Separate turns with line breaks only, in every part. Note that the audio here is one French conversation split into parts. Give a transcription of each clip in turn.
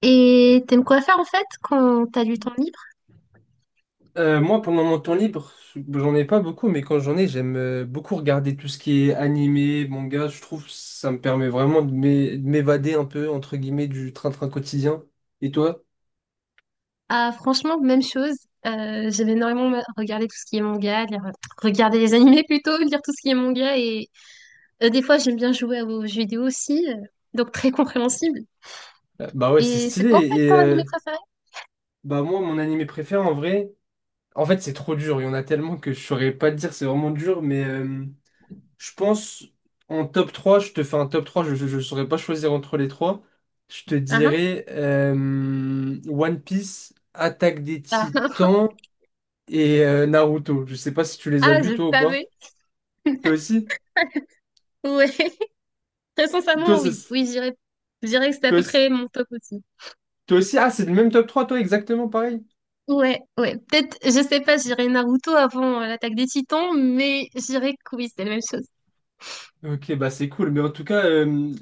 Et t'aimes quoi faire en fait quand t'as du temps libre?
Moi, pendant mon temps libre, j'en ai pas beaucoup, mais quand j'en ai, j'aime beaucoup regarder tout ce qui est animé, manga. Je trouve que ça me permet vraiment de de m'évader un peu, entre guillemets, du train-train quotidien. Et toi?
Ah franchement, même chose. J'aime énormément regarder tout ce qui est manga, regarder les animés plutôt, lire tout ce qui est manga et des fois j'aime bien jouer aux jeux vidéo aussi, donc très compréhensible.
Bah ouais, c'est
Et c'est
stylé.
quoi en fait
Et
ton animé préféré?
bah moi, mon animé préféré, en vrai, en fait, c'est trop dur. Il y en a tellement que je saurais pas te dire, c'est vraiment dur. Mais je pense, en top 3, je te fais un top 3, je saurais pas choisir entre les trois. Je te
Ah, hein.
dirais One Piece, Attaque des
Ah,
Titans, et Naruto. Je sais pas si tu les as
ah,
vus
je
toi ou pas.
savais.
Toi aussi?
Ouais, très
Toi,
sincèrement
ça
oui.
s-
Oui, je dirais que c'était à
toi,
peu
s-
près mon top aussi.
toi aussi? Ah, c'est le même top 3 toi, exactement pareil.
Ouais, ouais. Peut-être, je sais pas, je dirais Naruto avant l'attaque des Titans, mais je dirais que oui, c'est la même chose.
Ok, bah c'est cool. Mais en tout cas,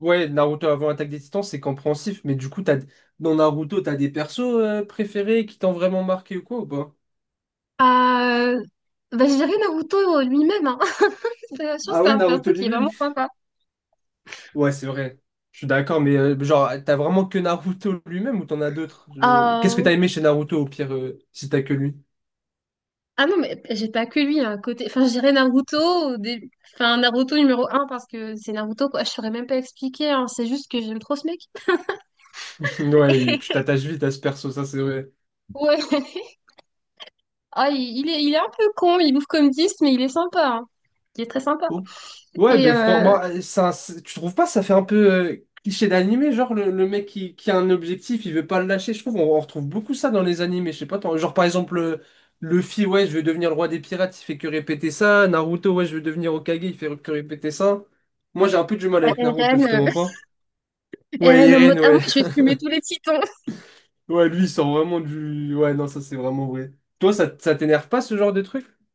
ouais, Naruto avant Attaque des Titans, c'est compréhensif. Mais du coup, t'as, dans Naruto, t'as des persos préférés qui t'ont vraiment marqué ou quoi ou pas?
Euh, je dirais Naruto lui-même. Hein. Je pense que
Ah
c'est
ouais,
un perso
Naruto
qui est
lui-même?
vraiment sympa.
Ouais, c'est vrai. Je suis d'accord, mais genre, t'as vraiment que Naruto lui-même ou t'en as d'autres? Qu'est-ce que
Euh,
t'as aimé chez Naruto au pire, si t'as que lui?
Ah non, mais j'ai pas que lui. Hein, côté... Enfin, je dirais Naruto, au dé- enfin, Naruto numéro un parce que c'est Naruto, quoi. Je saurais même pas expliquer. Hein. C'est juste que j'aime trop ce mec.
Ouais, tu t'attaches vite à ce perso, ça c'est vrai.
Ouais. Ah, il est un peu con, il bouffe comme 10, mais il est sympa. Hein. Il est très sympa.
Oh. Ouais,
Et
mais franchement, tu trouves pas ça fait un peu cliché d'animé, genre le mec qui a un objectif, il veut pas le lâcher. Je trouve on retrouve beaucoup ça dans les animés. Je sais pas, genre par exemple Luffy, ouais, je veux devenir le roi des pirates, il fait que répéter ça. Naruto, ouais, je veux devenir Hokage, il fait que répéter ça. Moi, j'ai un peu du mal avec Naruto,
Eren,
justement pas. Ouais,
Eren en mode,
Irene,
ah
ouais.
moi je vais fumer tous les titans.
Ouais, lui, il sort vraiment du... Ouais, non, ça, c'est vraiment vrai. Toi, ça t'énerve pas, ce genre de truc?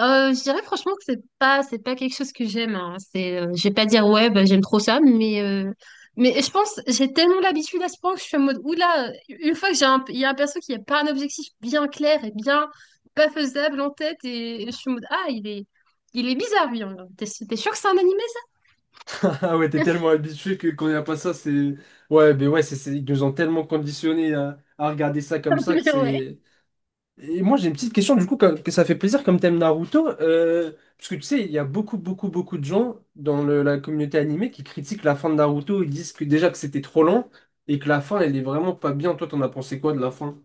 Je dirais franchement que c'est pas quelque chose que j'aime. Hein. C'est je vais pas dire ouais bah, j'aime trop ça, mais je pense j'ai tellement l'habitude à ce point que je suis en mode oula une fois que j'ai un il y a un perso qui a pas un objectif bien clair et bien pas faisable en tête et, je suis en mode ah il est bizarre lui. Hein. T'es sûr que c'est un animé
Ah ouais, t'es tellement habitué que quand il n'y a pas ça, c'est... Ouais, mais ouais, ils nous ont tellement conditionnés à regarder ça
ça?
comme ça que
Mais ouais.
c'est... Et moi, j'ai une petite question, du coup, que ça fait plaisir comme thème Naruto, parce que tu sais, il y a beaucoup, beaucoup, beaucoup de gens dans la communauté animée qui critiquent la fin de Naruto, ils disent que déjà que c'était trop lent et que la fin, elle est vraiment pas bien. Toi, t'en as pensé quoi de la fin?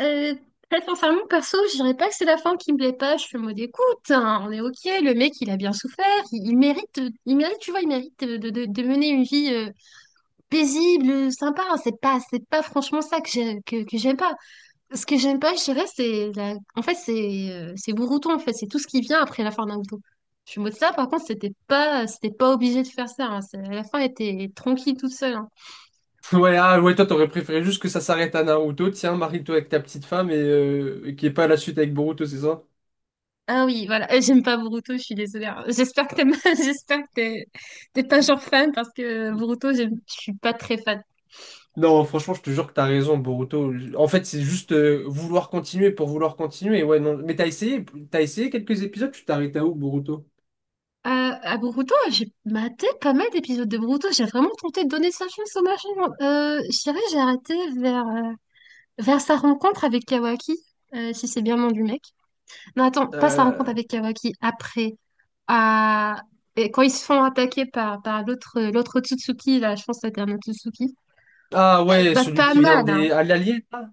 Euh, Très sincèrement perso je dirais pas que c'est la fin qui me plaît pas. Je suis en mode écoute hein, on est ok le mec il a bien souffert il mérite, il mérite tu vois il mérite de mener une vie paisible, sympa. C'est pas franchement ça que j'aime pas. Ce que j'aime pas, je dirais, c'est la... En fait, c'est Boruto, en fait. C'est tout ce qui vient après la fin de Naruto. Je suis en mode ça, par contre, c'était pas obligé de faire ça. Hein. La fin était tranquille toute seule. Hein.
Ouais, ah, ouais, toi, t'aurais préféré juste que ça s'arrête à Naruto, tiens, marie-toi avec ta petite femme et qu'il n'y ait pas la suite avec Boruto, c'est ça?
Ah oui, voilà. J'aime pas Boruto, je suis désolée. Hein. J'espère que t'aimes, j'espère que t'es pas genre fan parce que Boruto, je suis pas très fan.
Non, franchement, je te jure que t'as raison, Boruto. En fait, c'est juste vouloir continuer pour vouloir continuer, ouais, non. Mais t'as essayé quelques épisodes, tu t'arrêtes à où, Boruto?
Euh, à Boruto, j'ai maté pas mal d'épisodes de Boruto. J'ai vraiment tenté de donner sa chance au machin. Je dirais, j'ai arrêté vers... Vers sa rencontre avec Kawaki, si c'est bien le nom du mec. Non, attends, pas sa rencontre
Euh,
avec Kawaki, après. À... Et quand ils se font attaquer par l'autre Otsutsuki, là, je pense que c'était un Otsutsuki.
Ah ouais,
Bah,
celui
pas
qui vient
mal, hein.
des... À l'Allier, là?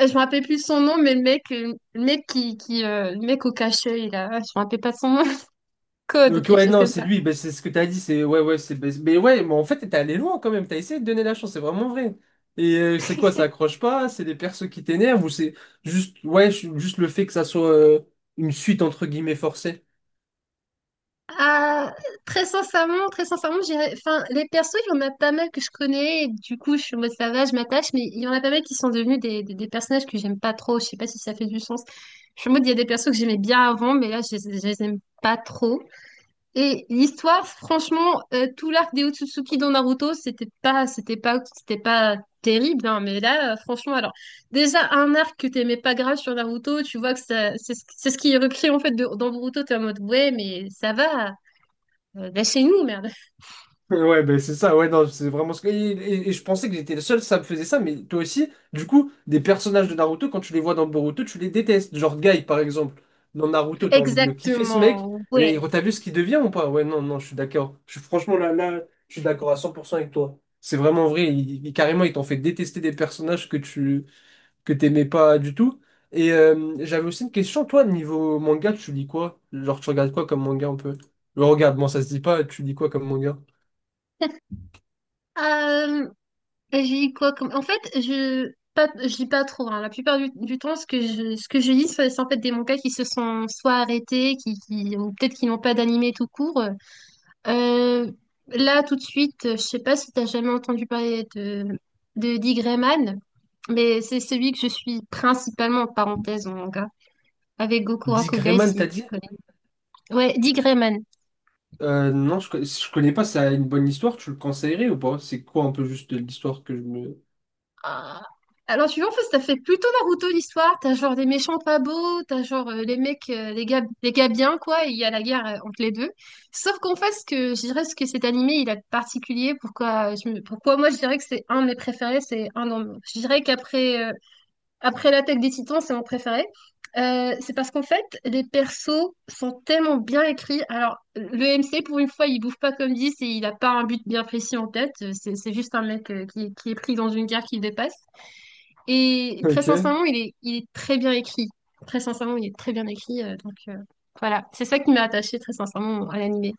Je me rappelle plus son nom, mais le mec qui le mec au cache-œil, là, je me rappelle pas de son nom. Code ou
Donc
quelque
ouais,
chose
non,
comme
c'est
ça.
lui, ben, c'est ce que t'as dit, c'est... Ouais, ouais, c'est... ben, mais ouais, mais en fait, t'es allé loin quand même, t'as essayé de donner la chance, c'est vraiment vrai. Et c'est quoi, ça accroche pas? C'est des persos qui t'énervent ou c'est juste... Ouais, juste le fait que ça soit une suite, entre guillemets, forcée?
Ah, très sincèrement, enfin, les persos, il y en a pas mal que je connais, et du coup, je suis en mode ça va, je m'attache, mais il y en a pas mal qui sont devenus des personnages que j'aime pas trop, je sais pas si ça fait du sens. Je suis en mode, il y a des persos que j'aimais bien avant, mais là, je les aime pas trop. Et l'histoire, franchement, tout l'arc des Otsutsuki dans Naruto, c'était pas terrible, hein, mais là, franchement, alors, déjà, un arc que t'aimais pas grave sur Naruto, tu vois que ça, c'est ce qui est repris, en fait, dans Naruto, t'es en mode, ouais, mais ça va. C'est nous, merde.
Ouais, ben c'est ça, ouais, non, c'est vraiment ce que. Et je pensais que j'étais le seul, ça me faisait ça, mais toi aussi, du coup, des personnages de Naruto, quand tu les vois dans Boruto, tu les détestes. Genre Guy, par exemple, dans Naruto, t'as envie de le kiffer, ce mec,
Exactement. Ouais.
mais t'as vu ce qu'il devient ou pas? Ouais, non, non, je suis d'accord. Je suis franchement là, là, je suis d'accord à 100% avec toi. C'est vraiment vrai, carrément, il t'en fait détester des personnages que t'aimais pas du tout. Et j'avais aussi une question, toi, niveau manga, tu lis quoi? Genre, tu regardes quoi comme manga un peu? Regarde, moi, ça se dit pas, tu lis quoi comme manga?
Euh, j'ai dit quoi comme... En fait, je pas, je lis pas trop. Hein. La plupart du temps, ce que ce que je lis, c'est en fait des mangas qui se sont soit arrêtés, qui ou peut-être qui n'ont pas d'animé tout court. Euh, Là, tout de suite, je sais pas si t'as jamais entendu parler de Dee Grayman, mais c'est celui que je suis principalement en parenthèse en manga avec Goku Rakugai
Disgreman, t'as
si tu
dit?
connais. Ouais, Dee Grayman.
Non, je connais pas, ça a une bonne histoire, tu le conseillerais ou pas? C'est quoi un peu juste l'histoire que je me...
Ah. Alors, tu vois, en fait, ça fait plutôt Naruto l'histoire. T'as genre des méchants pas beaux, t'as genre les gars bien, quoi, et il y a la guerre entre les deux. Sauf qu'en fait, ce que je dirais, ce que cet animé, il a de particulier, pourquoi, pourquoi moi je dirais que c'est un de mes préférés, je dirais qu'après après l'attaque des Titans, c'est mon préféré. C'est parce qu'en fait, les persos sont tellement bien écrits. Alors, le MC, pour une fois, il bouffe pas comme 10 et il a pas un but bien précis en tête. C'est juste un mec qui est pris dans une guerre qui le dépasse. Et très
Ok.
sincèrement, il est très bien écrit. Très sincèrement, il est très bien écrit. Voilà, c'est ça qui m'a attachée très sincèrement à l'animé.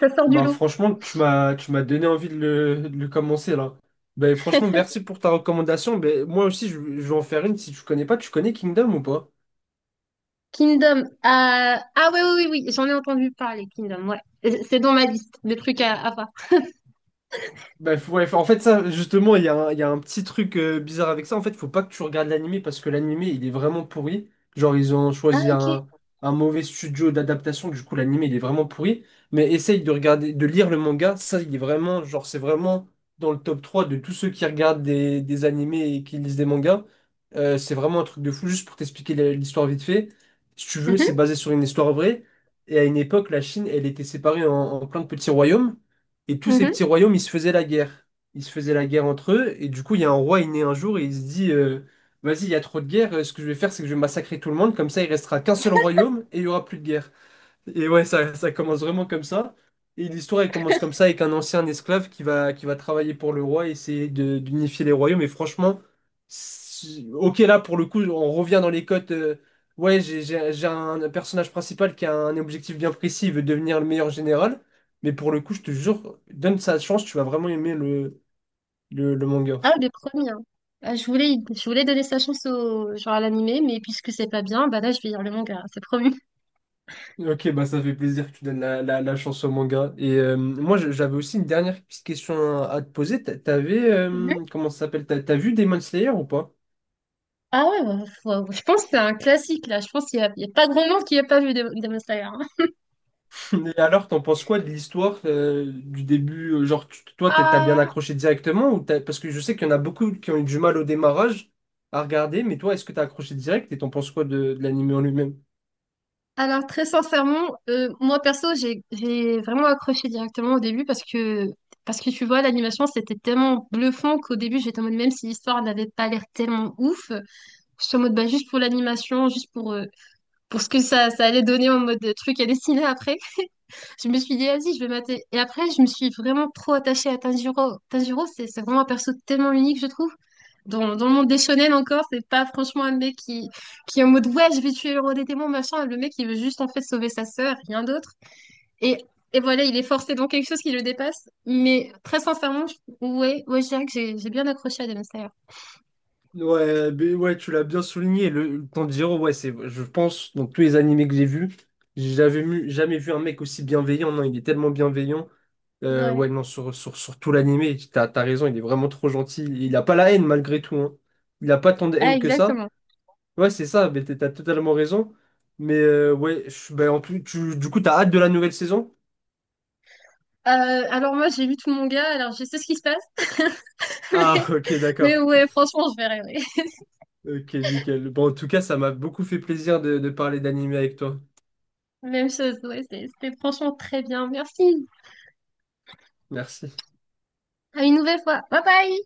Ça sort du
Bah
lot.
franchement, tu m'as donné envie de de le commencer là. Bah franchement, merci pour ta recommandation. Bah, moi aussi, je vais en faire une. Si tu connais pas, tu connais Kingdom ou pas?
Kingdom. Ah oui, oui, oui, oui, j'en ai entendu parler, Kingdom. Ouais. C'est dans ma liste de trucs à voir.
Bah, ouais, en fait, ça, justement, il y a un petit truc bizarre avec ça. En fait, faut pas que tu regardes l'animé parce que l'animé, il est vraiment pourri. Genre, ils ont
Ah,
choisi
ok.
un mauvais studio d'adaptation. Du coup, l'animé, il est vraiment pourri. Mais essaye de regarder, de lire le manga. Ça, il est vraiment, genre, c'est vraiment dans le top 3 de tous ceux qui regardent des animés et qui lisent des mangas. C'est vraiment un truc de fou. Juste pour t'expliquer l'histoire vite fait. Si tu veux, c'est
Mhm,
basé sur une histoire vraie. Et à une époque, la Chine, elle était séparée en plein de petits royaumes. Et tous ces
mhm.
petits royaumes, ils se faisaient la guerre. Ils se faisaient la guerre entre eux. Et du coup, il y a un roi, il naît un jour et il se dit, vas-y, il y a trop de guerre. Ce que je vais faire, c'est que je vais massacrer tout le monde. Comme ça, il restera qu'un seul royaume et il y aura plus de guerre. Et ouais, ça commence vraiment comme ça. Et l'histoire, elle commence comme ça avec un ancien esclave qui va travailler pour le roi et essayer de- d'unifier les royaumes. Et franchement, ok, là, pour le coup, on revient dans les codes. Ouais, j'ai un personnage principal qui a un objectif bien précis, il veut devenir le meilleur général. Mais pour le coup, je te jure, donne sa chance, tu vas vraiment aimer le manga.
Ah, le premier. Hein. Ah, je voulais donner sa chance au, genre à l'animé, mais puisque c'est pas bien, bah là, je vais lire le manga, c'est promis.
Ok, bah ça fait plaisir que tu donnes la chance au manga. Et moi, j'avais aussi une dernière petite question à te poser.
Mhm.
Comment ça s'appelle? T'as vu Demon Slayer ou pas?
Ah ouais, je pense que c'est un classique, là. Je pense qu'il y a pas grand monde qui a pas vu Demon Slayer. Hein.
Et alors, t'en penses quoi de l'histoire du début? Genre, t'as bien
Ah,
accroché directement ou parce que je sais qu'il y en a beaucoup qui ont eu du mal au démarrage à regarder, mais toi, est-ce que t'as accroché direct et t'en penses quoi de l'anime en lui-même?
alors, très sincèrement, moi perso, j'ai vraiment accroché directement au début parce que tu vois, l'animation, c'était tellement bluffant qu'au début, j'étais en mode, même si l'histoire n'avait pas l'air tellement ouf, je suis en mode, bah, juste pour l'animation, juste pour ce que ça allait donner en mode truc à dessiner après. Je me suis dit, vas-y, je vais mater. Et après, je me suis vraiment trop attachée à Tanjiro. Tanjiro, c'est vraiment un perso tellement unique, je trouve. Dans le monde des shonen encore, c'est pas franchement un mec qui est en mode, ouais, je vais tuer le roi des démons, machin. Le mec, il veut juste en fait sauver sa sœur, rien d'autre. Et, et voilà, il est forcé dans quelque chose qui le dépasse. Mais très sincèrement, ouais, ouais, je dirais que j'ai bien accroché à Demon Slayer.
Ouais, mais ouais, tu l'as bien souligné. Le Tanjiro, ouais, c'est, je pense, dans tous les animés que j'ai vus, j'avais vu jamais vu un mec aussi bienveillant. Non, il est tellement bienveillant.
Ouais.
Ouais, non, sur tout l'animé, t'as raison, il est vraiment trop gentil. Il a pas la haine malgré tout, hein. Il a pas tant de
Ah,
haine que ça.
exactement.
Ouais, c'est ça, mais t'as totalement raison. Mais ouais, ben, en plus, tu, du coup, t'as hâte de la nouvelle saison?
Euh, alors moi, j'ai vu tout mon gars, alors je sais ce qui se passe.
Ah,
Mais,
ok,
mais
d'accord.
ouais, franchement, je verrai.
Ok, nickel. Bon, en tout cas, ça m'a beaucoup fait plaisir de parler d'animé avec toi.
Même chose, ouais, c'était franchement très bien. Merci.
Merci.
À une nouvelle fois. Bye bye!